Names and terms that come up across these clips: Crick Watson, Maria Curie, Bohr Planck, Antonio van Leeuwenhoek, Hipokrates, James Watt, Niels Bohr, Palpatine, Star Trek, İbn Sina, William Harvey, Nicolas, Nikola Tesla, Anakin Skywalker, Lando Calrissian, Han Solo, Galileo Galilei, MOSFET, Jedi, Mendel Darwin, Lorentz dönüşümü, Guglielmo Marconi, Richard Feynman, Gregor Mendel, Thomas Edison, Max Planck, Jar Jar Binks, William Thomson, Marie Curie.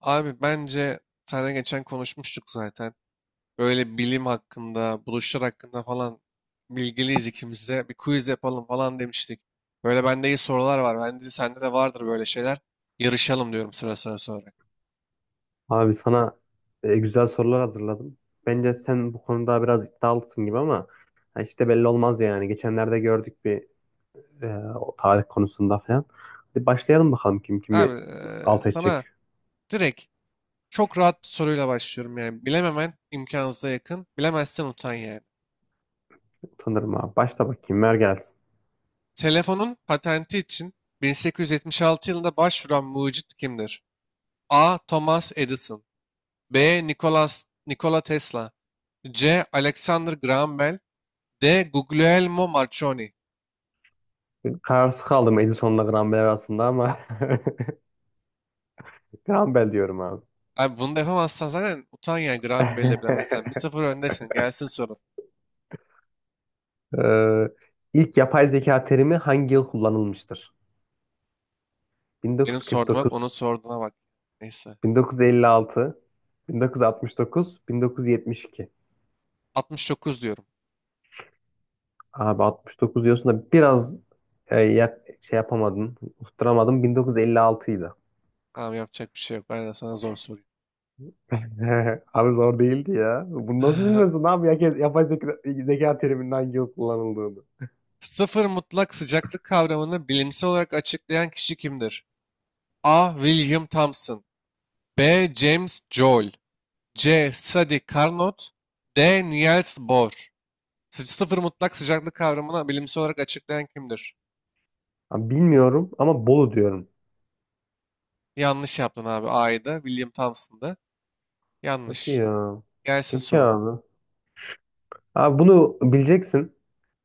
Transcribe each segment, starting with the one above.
Abi bence sana geçen konuşmuştuk zaten. Böyle bilim hakkında, buluşlar hakkında falan bilgiliyiz ikimiz de. Bir quiz yapalım falan demiştik. Böyle bende iyi sorular var. Bence sende de vardır böyle şeyler. Yarışalım diyorum sıra sıra sonra. Abi sana güzel sorular hazırladım. Bence sen bu konuda biraz iddialısın gibi ama ha, işte belli olmaz yani. Geçenlerde gördük bir e, o tarih konusunda falan. Hadi başlayalım bakalım kim Abi kimi alt edecek. sana direkt çok rahat bir soruyla başlıyorum yani. Bilememen imkansıza yakın. Bilemezsen utan yani. Utanırım abi. Başla bakayım ver gelsin. Telefonun patenti için 1876 yılında başvuran mucit kimdir? A. Thomas Edison. B. Nikola Tesla. C. Alexander Graham Bell. D. Guglielmo Marconi. Kararsız kaldım Edison'la Grambel arasında ama Grambel diyorum abi. Abi bunu da yapamazsan zaten utan ya, Graham Bell'i de bilemezsen. Bir sıfır öndesin. Gelsin sorun. Ee, ilk yapay zeka terimi hangi yıl kullanılmıştır? Benim sorduğuma bak, 1949, onun sorduğuna bak. Neyse. 1956, 1969, 1972. 69 diyorum. Abi 69 diyorsun da biraz şey yapamadım, tutturamadım. 1956'ydı. Tamam, yapacak bir şey yok. Ben de sana zor sorayım. Abi zor değildi ya. Bunu nasıl bilmiyorsun abi? Herkes yapay zeka, zeka teriminin hangi yıl kullanıldığını. Sıfır mutlak sıcaklık kavramını bilimsel olarak açıklayan kişi kimdir? A. William Thomson. B. James Joule. C. Sadi Carnot. D. Niels Bohr. Sıfır mutlak sıcaklık kavramını bilimsel olarak açıklayan kimdir? Abi bilmiyorum ama Bolu diyorum. Yanlış yaptın abi. A'ydı. William Thompson'dı. Hadi Yanlış. ya. Gelsin Peki sorun. abi. Abi bunu bileceksin.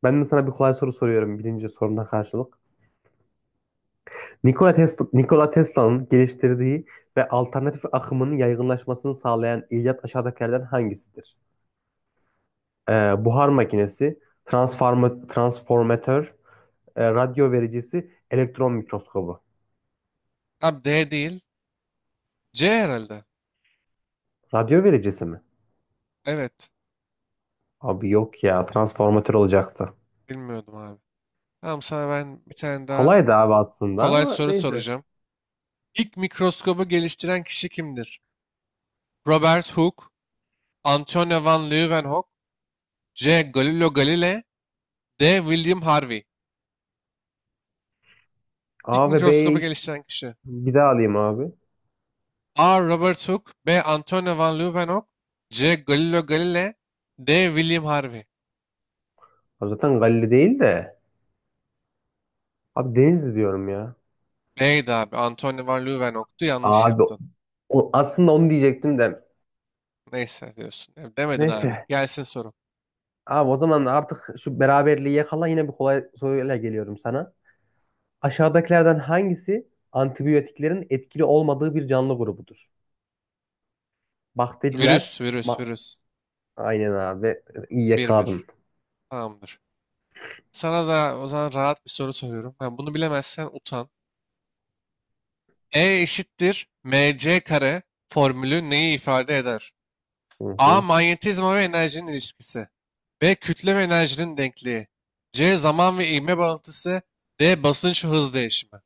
Ben de sana bir kolay soru soruyorum birinci soruna karşılık. Nikola Tesla'nın geliştirdiği ve alternatif akımının yaygınlaşmasını sağlayan icat aşağıdakilerden hangisidir? Buhar makinesi, transformatör, radyo vericisi, elektron mikroskobu. Abi D değil. C herhalde. Radyo vericisi mi? Evet. Abi yok ya, transformatör olacaktı. Bilmiyordum abi. Tamam, sana ben bir tane daha Kolay da abi aslında kolay ama soru neyse. soracağım. İlk mikroskobu geliştiren kişi kimdir? Robert Hooke, Antonio van Leeuwenhoek, C. Galileo Galilei, D. William Harvey. İlk A ve mikroskobu B'yi geliştiren kişi. bir daha alayım abi. A. Robert Hooke. B. Antonio van Leeuwenhoek. C. Galileo Galilei. D. William Harvey. Abi zaten Galileo değil de. Abi Denizli diyorum ya. B'ydi abi. Antonio van Leeuwenhoek'tu. Yanlış Abi yaptın. Aslında onu diyecektim de. Neyse diyorsun. Ya demedin abi. Neyse. Gelsin soru. Abi o zaman artık şu beraberliği yakala yine bir kolay soruyla geliyorum sana. Aşağıdakilerden hangisi antibiyotiklerin etkili olmadığı bir canlı grubudur? Bakteriler, Virüs, virüs, ma- virüs. aynen abi. İyi Bir bir. yakaladın. Tamamdır. Sana da o zaman rahat bir soru soruyorum. Ha, bunu bilemezsen utan. E eşittir mc kare formülü neyi ifade eder? Hı A. hı. Manyetizma ve enerjinin ilişkisi. B. Kütle ve enerjinin denkliği. C. Zaman ve ivme bağıntısı. D. Basınç ve hız değişimi.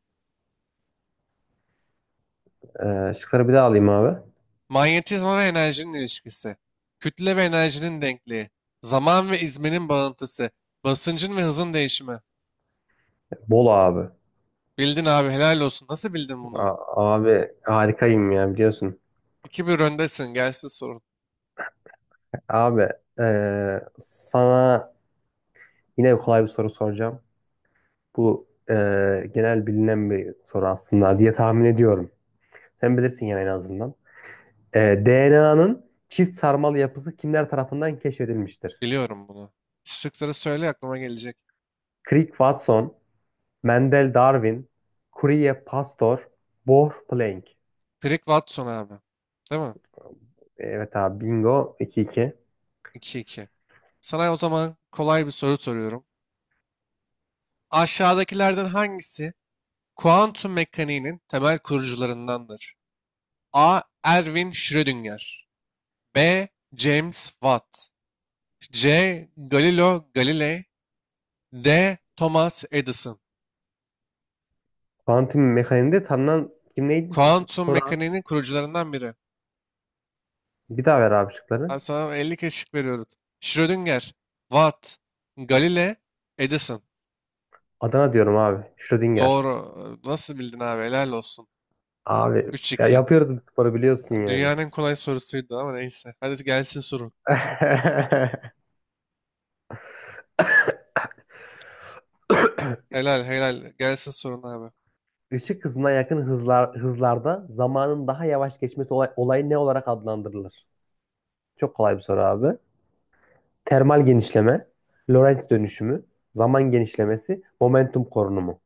Şıkları bir daha alayım abi. Manyetizma ve enerjinin ilişkisi. Kütle ve enerjinin denkliği. Zaman ve izmenin bağıntısı. Basıncın ve hızın değişimi. Bol abi. Bildin abi, helal olsun. Nasıl bildin bunu? A- Abi harikayım ya biliyorsun. İki bir öndesin. Gelsin sorun. Abi sana yine kolay bir soru soracağım. Bu genel bilinen bir soru aslında diye tahmin ediyorum. Sen bilirsin yani en azından. DNA'nın çift sarmal yapısı kimler tarafından keşfedilmiştir? Biliyorum bunu. Şıkları söyle, aklıma gelecek. Crick Watson, Mendel Darwin, Courier Pasteur, Bohr Planck. Crick Watson abi. Değil mi? Evet abi bingo 2-2. 2-2. Sana o zaman kolay bir soru soruyorum. Aşağıdakilerden hangisi kuantum mekaniğinin temel kurucularındandır? A. Erwin Schrödinger. B. James Watt. C. Galileo Galilei. D. Thomas Edison. Kuantum mekaniğinde tanınan kim neydi? Kuantum Soran. mekaniğinin kurucularından biri. Bir daha ver abi şıkları. Abi sana 50 kez şık veriyoruz. Schrödinger, Watt, Galilei, Edison. Adana diyorum abi. Schrödinger. Doğru. Nasıl bildin abi? Helal olsun. Abi Üç ya 2. yapıyoruz bu sporu biliyorsun yani. Dünyanın en kolay sorusuydu ama neyse. Hadi gelsin sorun. Helal helal. Gelsin sorun abi. Işık hızına yakın hızlarda zamanın daha yavaş geçmesi olayı ne olarak adlandırılır? Çok kolay bir soru abi. Termal genişleme, Lorentz dönüşümü, zaman genişlemesi, momentum korunumu.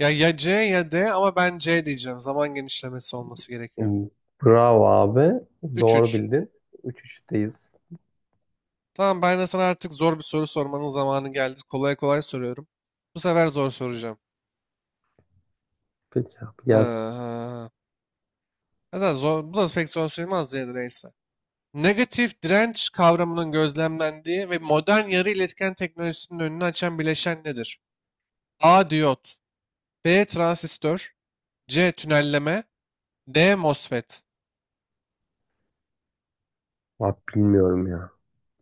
Ya ya C ya D, ama ben C diyeceğim. Zaman genişlemesi olması gerekiyor. Hmm, bravo abi. Doğru 3-3. bildin. 3-3'teyiz. Tamam, ben de sana artık zor bir soru sormanın zamanı geldi. Kolay kolay soruyorum. Bu sefer zor soracağım. Peki abi gelsin. Ee, hatta zor, bu da pek zor sayılmaz diye de, neyse. Negatif direnç kavramının gözlemlendiği ve modern yarı iletken teknolojisinin önünü açan bileşen nedir? A. Diyot. B. Transistör. C. Tünelleme. D. MOSFET. Abi bilmiyorum ya.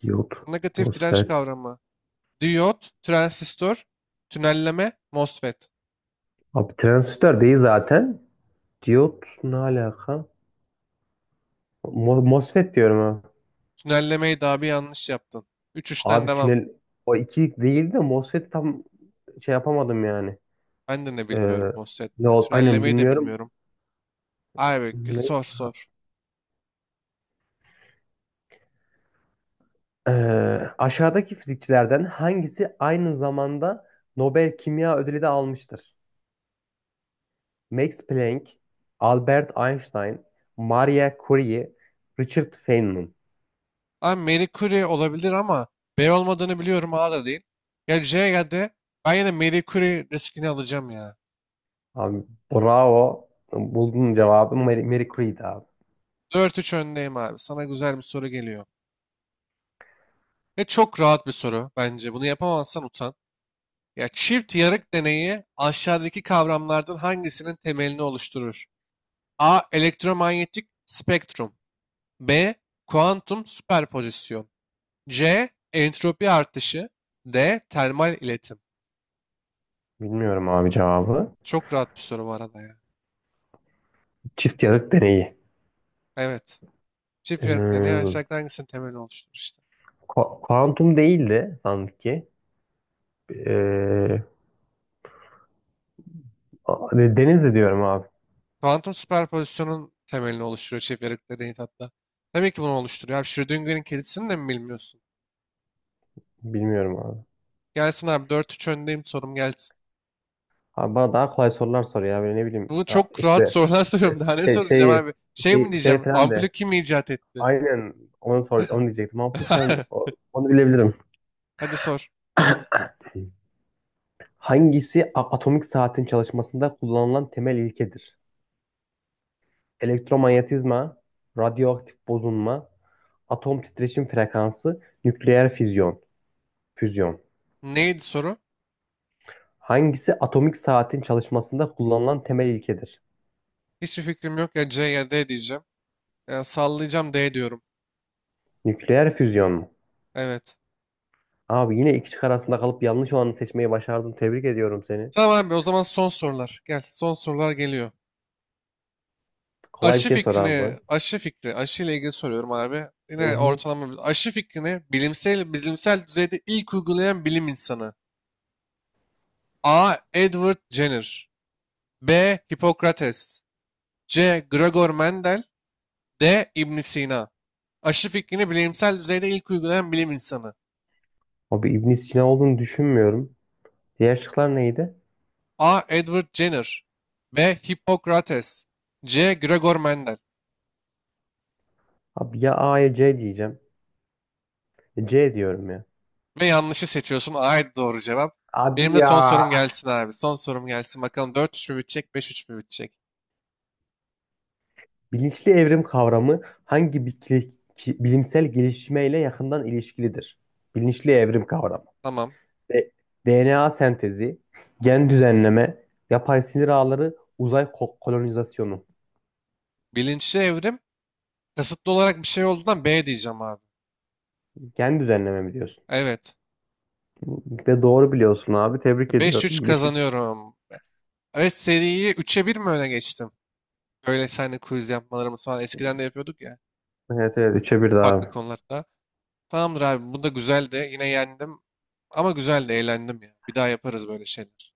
Diyot, Negatif direnç MOSFET. kavramı. Diyot, transistör, tünelleme, MOSFET. Abi transistör değil zaten. Diyot ne alaka? MOSFET diyorum ha. Tünellemeyi daha bir yanlış yaptın. Üç 3'ten Abi devam. O iki değil de MOSFET tam şey yapamadım yani. Ben de ne Ee, bilmiyorum Ne MOSFET'te. Aynen Tünellemeyi de bilmiyorum. bilmiyorum. Abi Ne? sor sor. Ee, Aşağıdaki fizikçilerden hangisi aynı zamanda Nobel Kimya Ödülü de almıştır? Max Planck, Albert Einstein, Maria Curie, Richard Feynman. Abi Marie Curie olabilir ama B olmadığını biliyorum, A da değil. Ya C'ye ya. Ben yine Marie Curie riskini alacağım ya. Abi bravo. Buldun cevabı. Mary Creed abi. Dört üç öndeyim abi. Sana güzel bir soru geliyor. Ve çok rahat bir soru bence. Bunu yapamazsan utan. Ya, çift yarık deneyi aşağıdaki kavramlardan hangisinin temelini oluşturur? A. Elektromanyetik spektrum. B. Kuantum süperpozisyon. C. Entropi artışı. D. Termal iletim. Bilmiyorum abi cevabı. Çok rahat bir soru bu arada ya. Çift yarık deneyi. Evet. Çift yarık deneyi Ee, aşağıdaki hangisinin temelini oluşturur işte. Kuantum değildi sanki. Ee, Denizli diyorum abi. Kuantum süperpozisyonun temelini oluşturuyor çift yarık deneyi hatta. Tabii ki bunu oluşturuyor. Abi Schrödinger'in kedisini de mi bilmiyorsun? Bilmiyorum abi. Gelsin abi, dört üç öndeyim, sorum gelsin. Abi bana daha kolay sorular sor ya. Böyle ne bileyim. Bunu Ya çok rahat işte sorular soruyorum. Daha ne şey, soracağım şey, abi? Şey mi şey, şey diyeceğim? falan Ampulü de. kim icat etti? Aynen onu sor, onu diyecektim. Ama lütfen onu bilebilirim. Hadi sor. Hangisi atomik saatin çalışmasında kullanılan temel ilkedir? Elektromanyetizma, radyoaktif bozulma, atom titreşim frekansı, nükleer füzyon. Füzyon. Neydi soru? Hangisi atomik saatin çalışmasında kullanılan temel ilkedir? Hiçbir fikrim yok, ya C ya D diyeceğim. Ya sallayacağım, D diyorum. Nükleer füzyon mu? Evet. Abi yine iki şık arasında kalıp yanlış olanı seçmeyi başardın. Tebrik ediyorum seni. Tamam abi, o zaman son sorular. Gel, son sorular geliyor. Kolay bir Aşı şey sor fikrini, abi. aşı fikri, aşı ile ilgili soruyorum abi. Hı Yine hı. Aşı fikrini bilimsel düzeyde ilk uygulayan bilim insanı. A. Edward Jenner. B. Hipokrates. C. Gregor Mendel. D. İbn Sina. Aşı fikrini bilimsel düzeyde ilk uygulayan bilim insanı. Abi İbn Sina olduğunu düşünmüyorum. Diğer şıklar neydi? A. Edward Jenner. B. Hippokrates. C. Gregor Mendel. Abi ya A ya C diyeceğim. E, C diyorum ya. Ve yanlışı seçiyorsun. A. Doğru cevap. Abi Benim de ya. son sorum gelsin abi. Son sorum gelsin. Bakalım dört üç mü bitecek, beş üç mü bitecek? Bilinçli evrim kavramı hangi bilimsel gelişmeyle yakından ilişkilidir? Bilinçli evrim kavramı. Tamam. De- DNA sentezi, gen düzenleme, yapay sinir ağları, uzay kolonizasyonu. Bilinçli evrim kasıtlı olarak bir şey olduğundan B diyeceğim abi. Gen düzenleme mi diyorsun? Evet. Ve doğru biliyorsun abi. Tebrik Beş üç ediyorum. Beş üç. kazanıyorum. Evet, seriyi üç'e bir mi öne geçtim? Öyle seninle quiz yapmalarımız falan eskiden e, de yapıyorduk ya. Evet evet 3'e bir Farklı abi. konularda. Tamamdır abi. Bu da güzeldi. Yine yendim. Ama güzeldi, eğlendim ya. Bir daha yaparız böyle şeyler.